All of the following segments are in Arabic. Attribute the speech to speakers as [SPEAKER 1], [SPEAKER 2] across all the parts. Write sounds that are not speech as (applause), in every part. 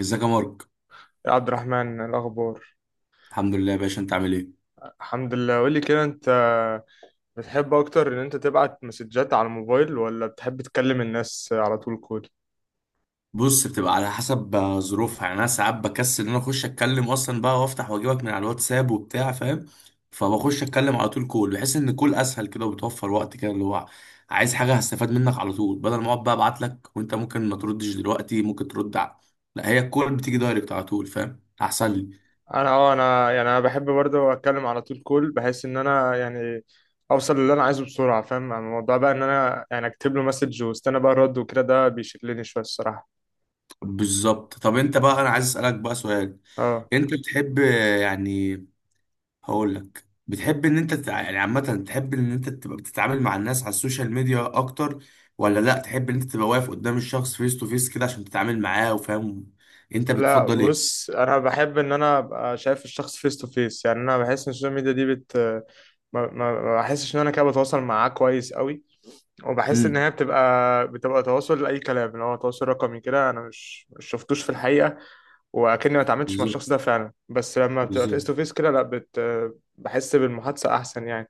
[SPEAKER 1] ازيك يا مارك؟
[SPEAKER 2] يا عبد الرحمن الأخبار.
[SPEAKER 1] الحمد لله يا باشا، انت عامل ايه؟
[SPEAKER 2] الحمد لله. قولي كده، أنت بتحب أكتر إن أنت تبعت مسجات على الموبايل ولا بتحب تكلم الناس على طول كول؟
[SPEAKER 1] بص، بتبقى على حسب ظروفها يعني. انا ساعات بكسل ان انا اخش اتكلم اصلا بقى، وافتح واجيبك من على الواتساب وبتاع، فاهم؟ فبخش اتكلم على طول كول. بحس ان الكول اسهل كده، وبتوفر وقت كده، اللي هو عايز حاجه هستفاد منك على طول، بدل ما اقعد بقى ابعت لك وانت ممكن ما تردش دلوقتي، ممكن ترد على. لا، هي الكول بتيجي دايركت على طول، فاهم؟ احسن لي.
[SPEAKER 2] أنا أه أنا يعني أنا بحب برضه أتكلم على طول كول، بحيث إن أنا يعني أوصل للي أنا عايزه بسرعة، فاهم؟ أما الموضوع بقى إن أنا يعني أكتب له مسج واستنى بقى الرد وكده، ده بيشغلني شوية الصراحة.
[SPEAKER 1] بالظبط. طب انت بقى، انا عايز اسالك بقى سؤال.
[SPEAKER 2] أه.
[SPEAKER 1] انت بتحب يعني، هقول لك، بتحب ان انت يعني عامة، تحب ان انت تبقى بتتعامل مع الناس على السوشيال ميديا اكتر، ولا لا تحب ان انت تبقى واقف قدام الشخص فيس تو فيس كده عشان تتعامل معاه، وفاهم؟ انت
[SPEAKER 2] لا
[SPEAKER 1] بتفضل ايه؟
[SPEAKER 2] بص، أنا بحب إن أنا أبقى شايف الشخص فيس تو فيس. يعني أنا بحس إن السوشيال ميديا دي بت ما بحسش ان انا كده بتواصل معاه كويس قوي، وبحس ان
[SPEAKER 1] امم.
[SPEAKER 2] هي بتبقى تواصل لاي كلام، اللي هو تواصل رقمي كده، انا مش شفتوش في الحقيقه، واكني ما اتعاملتش مع
[SPEAKER 1] بالظبط،
[SPEAKER 2] الشخص ده فعلا. بس لما بتبقى فيس
[SPEAKER 1] بالظبط.
[SPEAKER 2] تو فيس كده لا، بت بحس بالمحادثه احسن يعني.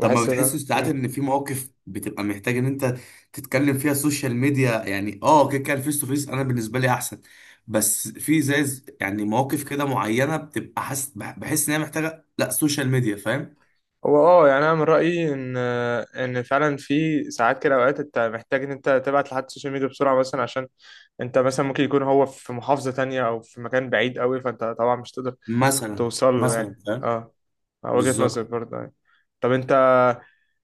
[SPEAKER 1] طب ما
[SPEAKER 2] ان
[SPEAKER 1] بتحسش ساعات ان في مواقف بتبقى محتاج ان انت تتكلم فيها السوشيال ميديا؟ يعني اه، كده كده الفيس تو فيس انا بالنسبة لي احسن، بس في يعني مواقف كده معينة، بتبقى حاسس بحس ان هي محتاجة لا سوشيال ميديا، فاهم؟
[SPEAKER 2] هو اه يعني انا من رايي ان فعلا في ساعات كده، اوقات انت محتاج ان انت تبعت لحد السوشيال ميديا بسرعه، مثلا عشان انت مثلا ممكن يكون هو في محافظه تانية او في مكان بعيد قوي، فانت طبعا مش تقدر
[SPEAKER 1] مثلا
[SPEAKER 2] توصل له
[SPEAKER 1] مثلا،
[SPEAKER 2] يعني.
[SPEAKER 1] فاهم.
[SPEAKER 2] اه، وجهه نظر
[SPEAKER 1] بالظبط.
[SPEAKER 2] برضه يعني. طب انت،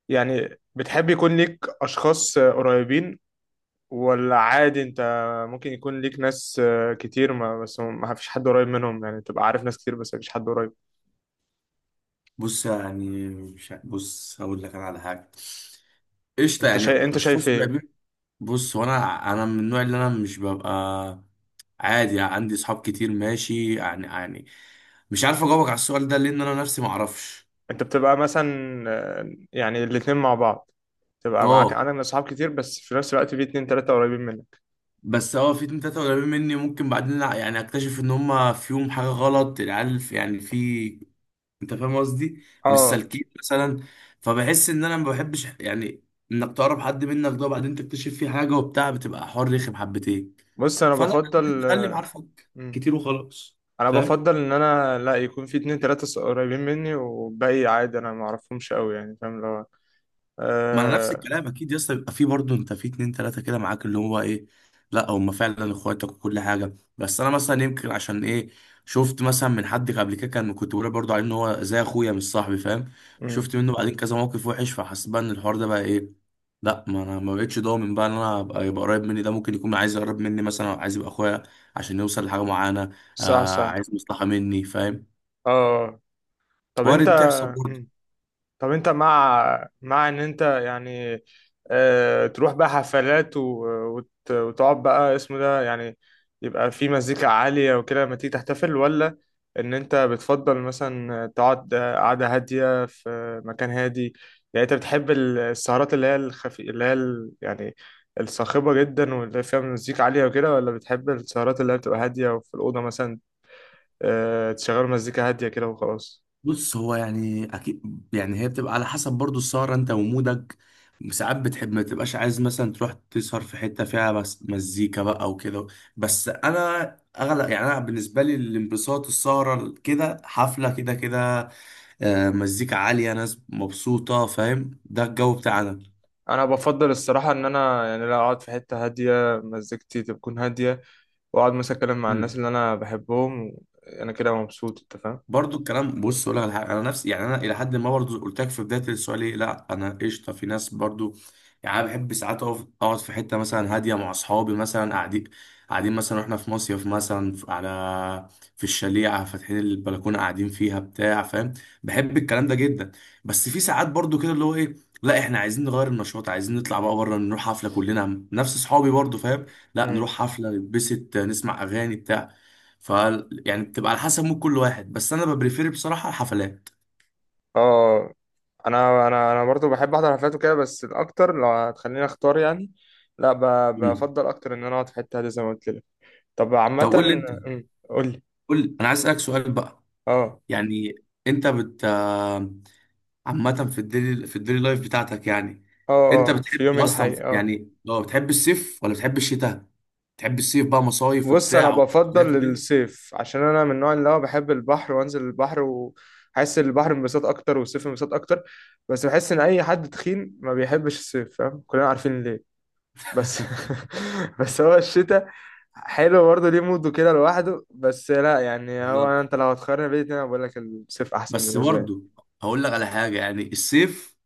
[SPEAKER 2] يعني بتحب يكون ليك أشخاص قريبين ولا عادي أنت ممكن يكون ليك ناس كتير، ما بس ما فيش حد قريب منهم؟ يعني تبقى عارف ناس كتير بس ما فيش حد قريب.
[SPEAKER 1] بص يعني مش ع- بص، هقول لك انا على حاجه. قشطه،
[SPEAKER 2] أنت
[SPEAKER 1] يعني
[SPEAKER 2] شايف
[SPEAKER 1] اشخاص
[SPEAKER 2] إيه؟
[SPEAKER 1] قريبين. بص، هو انا من النوع اللي انا مش ببقى، عادي عندي اصحاب كتير، ماشي يعني مش عارف اجاوبك على السؤال ده، لان انا نفسي ما اعرفش.
[SPEAKER 2] أنت بتبقى مثلا، يعني الاتنين مع بعض، تبقى معاك
[SPEAKER 1] اه،
[SPEAKER 2] أنا من أصحاب كتير بس في نفس الوقت في اتنين تلاتة قريبين منك.
[SPEAKER 1] بس اه في اتنين تلاتة قريبين مني، ممكن بعدين يعني اكتشف ان هما فيهم حاجة غلط. العيال يعني في، انت فاهم قصدي، مش
[SPEAKER 2] آه.
[SPEAKER 1] سالكين مثلا. فبحس ان انا ما بحبش يعني انك تقرب حد منك ده، وبعدين تكتشف فيه حاجة وبتاع، بتبقى حوار رخم حبتين.
[SPEAKER 2] بص أنا
[SPEAKER 1] فلا،
[SPEAKER 2] بفضل.
[SPEAKER 1] خلي معارفك
[SPEAKER 2] مم.
[SPEAKER 1] كتير وخلاص.
[SPEAKER 2] أنا
[SPEAKER 1] فاهم؟
[SPEAKER 2] بفضل إن أنا لا يكون في اتنين تلاتة قريبين مني والباقي عادي أنا معرفهمش أوي، يعني فاهم اللي هو.
[SPEAKER 1] ما انا نفس
[SPEAKER 2] آه.
[SPEAKER 1] الكلام. اكيد يا اسطى بيبقى فيه برضه انت في اتنين تلاته كده معاك، اللي هو ايه، لا هم فعلا اخواتك وكل حاجه. بس انا مثلا يمكن، عشان ايه؟ شفت مثلا من حد قبل كده، كان كنت بقول برضه عليه ان هو زي اخويا مش صاحبي، فاهم؟
[SPEAKER 2] مم.
[SPEAKER 1] شفت منه بعدين كذا موقف وحش، فحسيت بقى ان الحوار ده بقى ايه، لا، ما انا ما بقتش ضامن بقى ان انا ابقى، يبقى قريب مني ده ممكن يكون عايز يقرب مني مثلا، أو عايز يبقى اخويا عشان يوصل لحاجه معينه.
[SPEAKER 2] صح
[SPEAKER 1] آه،
[SPEAKER 2] صح.
[SPEAKER 1] عايز مصلحه مني، فاهم؟
[SPEAKER 2] اه. طب انت.
[SPEAKER 1] وارد تحصل برضه.
[SPEAKER 2] مم. طب انت، مع ان انت يعني تروح بقى حفلات وتقعد بقى اسمه ده، يعني يبقى في مزيكا عالية وكده لما تيجي تحتفل، ولا ان انت بتفضل مثلا تقعد قعدة هادية في مكان هادي؟ يعني انت بتحب السهرات اللي هي الخفي، اللي هي يعني الصاخبة جدا واللي فيها مزيكا عالية وكده، ولا بتحب السهرات اللي هي بتبقى هادية وفي الأوضة مثلا تشغل مزيكا هادية كده وخلاص؟
[SPEAKER 1] بص، هو يعني اكيد، يعني هي بتبقى على حسب برضو السهره انت ومودك. ساعات بتحب ما تبقاش عايز مثلا تروح تسهر في حته فيها بس مزيكا بقى وكده، بس انا اغلب يعني، انا بالنسبه لي الانبساط السهره كده، حفله كده كده، مزيكا عاليه، ناس مبسوطه، فاهم؟ ده الجو بتاعنا.
[SPEAKER 2] انا بفضل الصراحه ان انا يعني لا اقعد في حته هاديه، مزيكتي تكون هاديه، واقعد مثلا اتكلم مع الناس اللي انا بحبهم و- انا كده مبسوط، انت فاهم.
[SPEAKER 1] برضو الكلام، بص اقول لك على حاجه، انا نفسي يعني، انا الى حد ما برضو قلت لك في بدايه السؤال ايه، لا انا قشطه في ناس برضو. يعني انا بحب ساعات اقف اقعد في حته مثلا هاديه مع اصحابي، مثلا قاعدين مثلا، واحنا في مصيف مثلا على في الشليعه، فاتحين البلكونه، قاعدين فيها بتاع فاهم؟ بحب الكلام ده جدا. بس في ساعات برضو كده، اللي هو ايه، لا احنا عايزين نغير النشاط، عايزين نطلع بقى بره، نروح حفله كلنا، نفس اصحابي برضو، فاهم؟ لا نروح
[SPEAKER 2] امم.
[SPEAKER 1] حفله نتبسط نسمع اغاني بتاع ف يعني بتبقى على حسب مود كل واحد، بس انا ببريفير بصراحه الحفلات.
[SPEAKER 2] اه، انا برضو بحب احضر حفلات وكده، بس الاكتر لو هتخليني اختار يعني، لا
[SPEAKER 1] مم.
[SPEAKER 2] بفضل اكتر ان انا اقعد في حته هاديه زي ما قلت لك. طب
[SPEAKER 1] طب
[SPEAKER 2] عامه.
[SPEAKER 1] قول لي انت،
[SPEAKER 2] أمم، قول لي.
[SPEAKER 1] قول لي، انا عايز اسالك سؤال بقى،
[SPEAKER 2] اه.
[SPEAKER 1] يعني انت عامه في الديلي، في الديلي لايف بتاعتك يعني،
[SPEAKER 2] اه.
[SPEAKER 1] انت
[SPEAKER 2] اه في
[SPEAKER 1] بتحب
[SPEAKER 2] يومي
[SPEAKER 1] اصلا
[SPEAKER 2] الحقيقي، اه.
[SPEAKER 1] يعني، لو بتحب الصيف ولا بتحب الشتاء؟ بتحب الصيف بقى، مصايف
[SPEAKER 2] بص انا
[SPEAKER 1] وبتاع وحفلات
[SPEAKER 2] بفضل
[SPEAKER 1] وكده؟
[SPEAKER 2] الصيف عشان انا من النوع اللي هو بحب البحر وانزل البحر، وحس البحر انبساط اكتر والصيف انبساط اكتر. بس بحس ان اي حد تخين ما بيحبش الصيف، فاهم كلنا عارفين ليه. بس (laughs) بس هو الشتاء حلو برضه، ليه موده كده لوحده. بس لا يعني هو
[SPEAKER 1] بالظبط.
[SPEAKER 2] انت لو هتقارن بين الاتنين انا بقول لك الصيف احسن
[SPEAKER 1] بس
[SPEAKER 2] بالنسبه لي.
[SPEAKER 1] برضه هقول لك على حاجه، يعني الصيف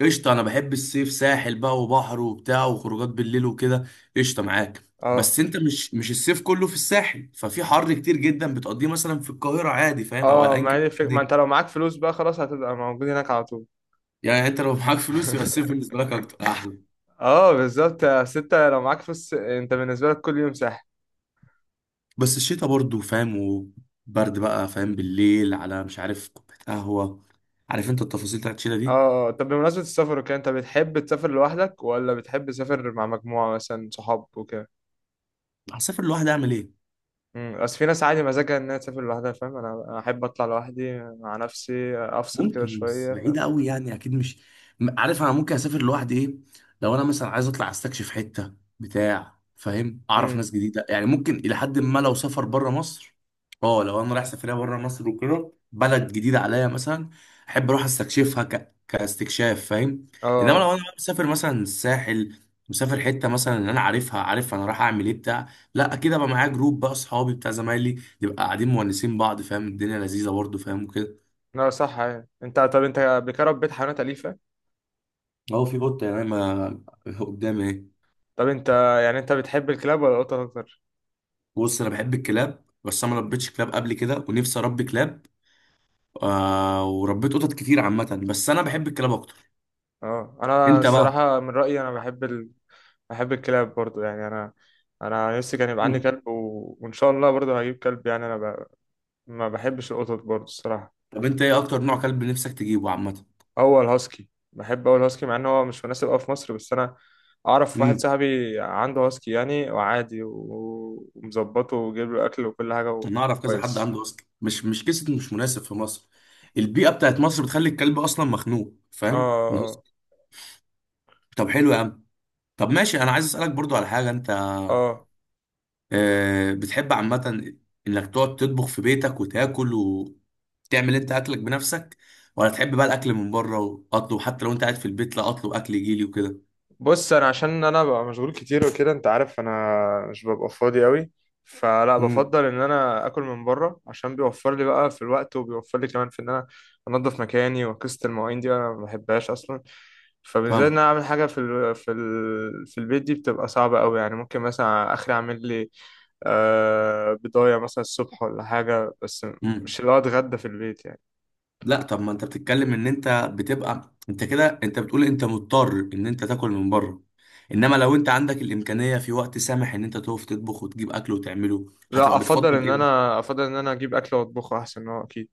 [SPEAKER 1] قشطة، أنا بحب الصيف، ساحل بقى وبحر وبتاع وخروجات بالليل وكده، قشطة معاك.
[SPEAKER 2] اه.
[SPEAKER 1] بس أنت مش الصيف كله في الساحل، ففي حر كتير جدا بتقضيه مثلا في القاهرة عادي، فاهم؟ أو
[SPEAKER 2] اه
[SPEAKER 1] أيا
[SPEAKER 2] ما
[SPEAKER 1] كان
[SPEAKER 2] هي ما
[SPEAKER 1] الدنيا.
[SPEAKER 2] انت لو معاك فلوس بقى خلاص هتبقى موجود هناك على طول.
[SPEAKER 1] يعني أنت لو معاك فلوس يبقى الصيف بالنسبة لك أكتر أحلى.
[SPEAKER 2] اه بالظبط يا ستة، لو معاك فلوس انت بالنسبه لك كل يوم سهل.
[SPEAKER 1] بس الشتاء برضه، فاهم؟ وبرد بقى، فاهم؟ بالليل على مش عارف كوباية قهوة. عارف أنت التفاصيل بتاعت الشتاء
[SPEAKER 2] اه.
[SPEAKER 1] دي.
[SPEAKER 2] آه. طب بمناسبة السفر وكده، انت بتحب تسافر لوحدك ولا بتحب تسافر مع مجموعة مثلا صحاب وكده؟
[SPEAKER 1] هسافر لوحدي أعمل إيه؟
[SPEAKER 2] امم، بس في ناس عادي مزاجها انها تسافر لوحدها، فاهم؟ أنا احب اطلع لوحدي مع نفسي، افصل كده
[SPEAKER 1] ممكن، بس
[SPEAKER 2] شوية فاهم.
[SPEAKER 1] بعيدة قوي يعني، اكيد مش عارف، انا ممكن اسافر لوحدي، ايه، لو انا مثلا عايز اطلع استكشف حتة بتاع فاهم؟ اعرف
[SPEAKER 2] امم.
[SPEAKER 1] ناس جديدة يعني، ممكن الى حد ما لو سافر بره مصر. اه، لو انا رايح سفرية بره مصر وكده، بلد جديدة عليا مثلا، احب اروح استكشفها كاستكشاف، فاهم؟
[SPEAKER 2] اه.
[SPEAKER 1] انما لو
[SPEAKER 2] آه.
[SPEAKER 1] انا مسافر مثلا الساحل، مسافر حتة مثلا ان انا عارفها، عارف انا رايح اعمل ايه بتاع لا اكيد ابقى معايا جروب بقى اصحابي بتاع زمايلي، نبقى قاعدين مونسين بعض، فاهم؟ الدنيا لذيذة برضه، فاهم؟ وكده.
[SPEAKER 2] لا صح. يعني انت، طب انت قبل كده ربيت حيوانات أليفة؟
[SPEAKER 1] اهو في قطه يعني ما قدامي اهي.
[SPEAKER 2] طب انت، يعني انت بتحب الكلاب ولا القطط اكتر؟
[SPEAKER 1] بص، انا بحب الكلاب، بس انا ما ربيتش كلاب قبل كده، ونفسي اربي كلاب آه. وربيت قطط كتير عامه، بس انا بحب الكلاب اكتر.
[SPEAKER 2] اه انا
[SPEAKER 1] انت بقى؟
[SPEAKER 2] الصراحة من رأيي انا بحب بحب الكلاب برضو يعني. انا انا نفسي كان يبقى عندي
[SPEAKER 1] مم.
[SPEAKER 2] كلب و- وان شاء الله برضو هجيب كلب، يعني ما بحبش القطط برضو الصراحة.
[SPEAKER 1] طب انت ايه اكتر نوع كلب نفسك تجيبه عامه؟
[SPEAKER 2] هو الهاسكي. بحب أوي الهاسكي، مع إن هو مش مناسب أوي في مصر، بس أنا أعرف واحد
[SPEAKER 1] امم.
[SPEAKER 2] صاحبي عنده هاسكي يعني، وعادي و- ومظبطه وجايب له أكل وكل حاجة
[SPEAKER 1] انا اعرف كذا حد
[SPEAKER 2] وكويس.
[SPEAKER 1] عنده اصلا، مش قصه مش مناسب في مصر، البيئه بتاعت مصر بتخلي الكلب اصلا مخنوق، فاهم؟
[SPEAKER 2] آه.
[SPEAKER 1] طب حلو يا عم. طب ماشي، انا عايز اسالك برضو على حاجه، انت
[SPEAKER 2] آه. آه.
[SPEAKER 1] بتحب عامة إنك تقعد تطبخ في بيتك وتاكل وتعمل أنت أكلك بنفسك، ولا تحب بقى الأكل من بره وأطلب حتى لو أنت قاعد في البيت، لا، أطلب أكل يجيلي وكده؟
[SPEAKER 2] بص انا عشان انا ببقى مشغول كتير وكده، انت عارف انا مش ببقى فاضي قوي، فلا
[SPEAKER 1] امم.
[SPEAKER 2] بفضل ان انا اكل من بره عشان بيوفر لي بقى في الوقت، وبيوفر لي كمان في ان انا انضف مكاني، وقصه المواعين دي انا ما بحبهاش اصلا. فبالذات ان انا
[SPEAKER 1] فاهم.
[SPEAKER 2] اعمل حاجه في في البيت دي بتبقى صعبه قوي يعني. ممكن مثلا اخري اعمل لي بضايه مثلا الصبح ولا حاجه، بس مش
[SPEAKER 1] امم.
[SPEAKER 2] اللي هو اتغدى في البيت يعني.
[SPEAKER 1] لا طب ما أنت بتتكلم إن أنت بتبقى أنت كده، أنت بتقول أنت مضطر إن أنت تاكل من بره، إنما لو أنت عندك الإمكانية في وقت سامح إن أنت تقف تطبخ وتجيب أكل وتعمله،
[SPEAKER 2] لا
[SPEAKER 1] هتبقى
[SPEAKER 2] افضل
[SPEAKER 1] بتفضل
[SPEAKER 2] ان
[SPEAKER 1] إيه بقى؟
[SPEAKER 2] انا، اجيب اكل واطبخه احسن هو اكيد.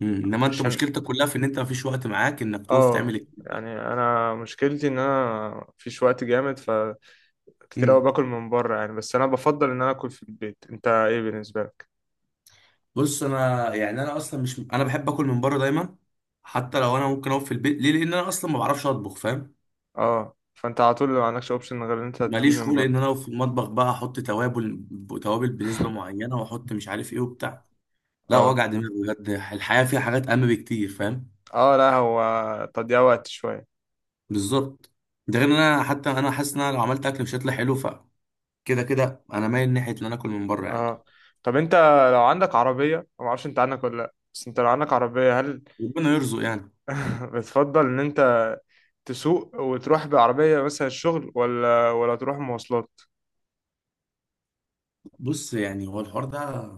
[SPEAKER 1] مم. إنما أنت
[SPEAKER 2] عشان
[SPEAKER 1] مشكلتك كلها في إن أنت مفيش وقت معاك إنك تقف
[SPEAKER 2] اه
[SPEAKER 1] تعمل.
[SPEAKER 2] يعني انا مشكلتي ان انا مفيش وقت جامد، فكتير قوي
[SPEAKER 1] امم.
[SPEAKER 2] باكل من بره يعني، بس انا بفضل ان انا اكل في البيت. انت ايه بالنسبه لك؟
[SPEAKER 1] بص، انا يعني انا اصلا مش، انا بحب اكل من بره دايما، حتى لو انا ممكن اقف في البيت، ليه؟ لان انا اصلا ما بعرفش اطبخ، فاهم؟
[SPEAKER 2] اه. فانت على طول ما عندكش اوبشن غير ان انت تجيب
[SPEAKER 1] ماليش
[SPEAKER 2] من
[SPEAKER 1] خلق
[SPEAKER 2] بره.
[SPEAKER 1] ان انا أقف في المطبخ بقى، احط توابل توابل بنسبه معينه، واحط مش عارف ايه وبتاع، لا،
[SPEAKER 2] اه.
[SPEAKER 1] وجع دماغ بجد، الحياه فيها حاجات اهم بكتير، فاهم؟
[SPEAKER 2] اه لا هو تضييع وقت شويه.
[SPEAKER 1] بالظبط. ده غير ان انا حتى انا حاسس ان انا لو عملت اكل مش هيطلع حلو، فكده كده انا مايل ناحيه ان انا اكل من بره يعني.
[SPEAKER 2] اه. طب انت لو عندك عربيه، أنا ما اعرفش انت عندك ولا لا، بس انت لو عندك عربيه هل
[SPEAKER 1] ربنا يرزق يعني.
[SPEAKER 2] (laughs) بتفضل ان انت تسوق وتروح بعربيه مثلا الشغل، ولا تروح مواصلات؟
[SPEAKER 1] بص، يعني هو الحوار ده،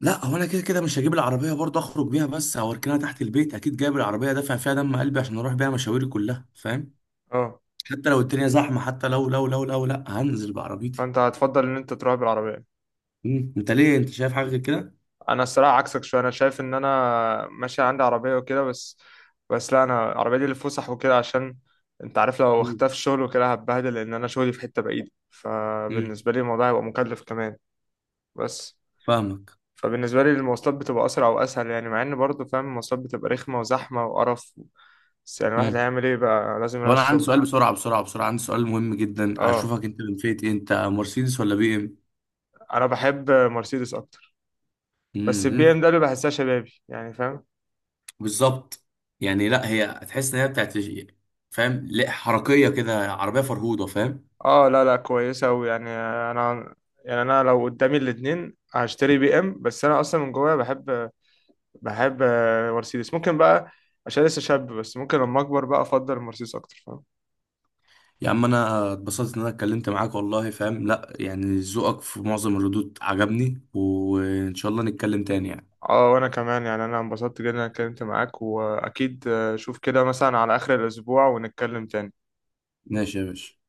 [SPEAKER 1] لا هو انا كده كده مش هجيب العربيه برضه اخرج بيها بس، او اركنها تحت البيت. اكيد جايب العربيه دافع فيها دم قلبي عشان اروح بيها مشاويري كلها، فاهم؟
[SPEAKER 2] اه،
[SPEAKER 1] حتى لو الدنيا زحمه، حتى لو لو لو لو لا، هنزل بعربيتي.
[SPEAKER 2] فانت هتفضل ان انت تروح بالعربيه.
[SPEAKER 1] مم. انت ليه، انت شايف حاجه غير كده؟
[SPEAKER 2] انا الصراحه عكسك شويه. انا شايف ان انا ماشي عندي عربيه وكده، بس لا انا العربيه دي للفسح وكده، عشان انت عارف لو
[SPEAKER 1] مم.
[SPEAKER 2] اختفى الشغل وكده هتبهدل، لان انا شغلي في حته بعيده،
[SPEAKER 1] مم.
[SPEAKER 2] فبالنسبه لي الموضوع هيبقى مكلف كمان. بس
[SPEAKER 1] فاهمك.
[SPEAKER 2] فبالنسبه لي المواصلات بتبقى اسرع واسهل يعني، مع ان برضه فاهم المواصلات بتبقى رخمه وزحمه وقرف، بس يعني الواحد
[SPEAKER 1] مم.
[SPEAKER 2] هيعمل ايه بقى لازم يروح
[SPEAKER 1] طب انا عندي
[SPEAKER 2] الشغل.
[SPEAKER 1] سؤال، بسرعه بسرعه بسرعه، عندي سؤال مهم جدا،
[SPEAKER 2] اه.
[SPEAKER 1] اشوفك انت من فئه ايه، انت مرسيدس ولا بي ام؟
[SPEAKER 2] انا بحب مرسيدس اكتر، بس البي
[SPEAKER 1] مم.
[SPEAKER 2] ام دبليو بحسها شبابي يعني فاهم.
[SPEAKER 1] بالظبط. يعني لا، هي تحس ان هي بتاعت، فاهم؟ لا، حركيه كده، عربيه فرهوده، فاهم؟
[SPEAKER 2] اه لا لا، كويسة أوي يعني. أنا، يعني أنا لو قدامي الاتنين هشتري بي إم، بس أنا أصلا من جوايا بحب مرسيدس. ممكن بقى عشان لسه شاب، بس ممكن لما أكبر بقى أفضل مرسيدس أكتر فاهم.
[SPEAKER 1] يا عم انا اتبسطت ان انا اتكلمت معاك والله، فاهم؟ لا يعني ذوقك في معظم الردود عجبني، وان شاء الله نتكلم تاني يعني.
[SPEAKER 2] اه وأنا كمان، يعني أنا انبسطت جدا إن أنا اتكلمت معاك، وأكيد شوف كده مثلا على آخر الأسبوع ونتكلم تاني.
[SPEAKER 1] ماشي يا باشا.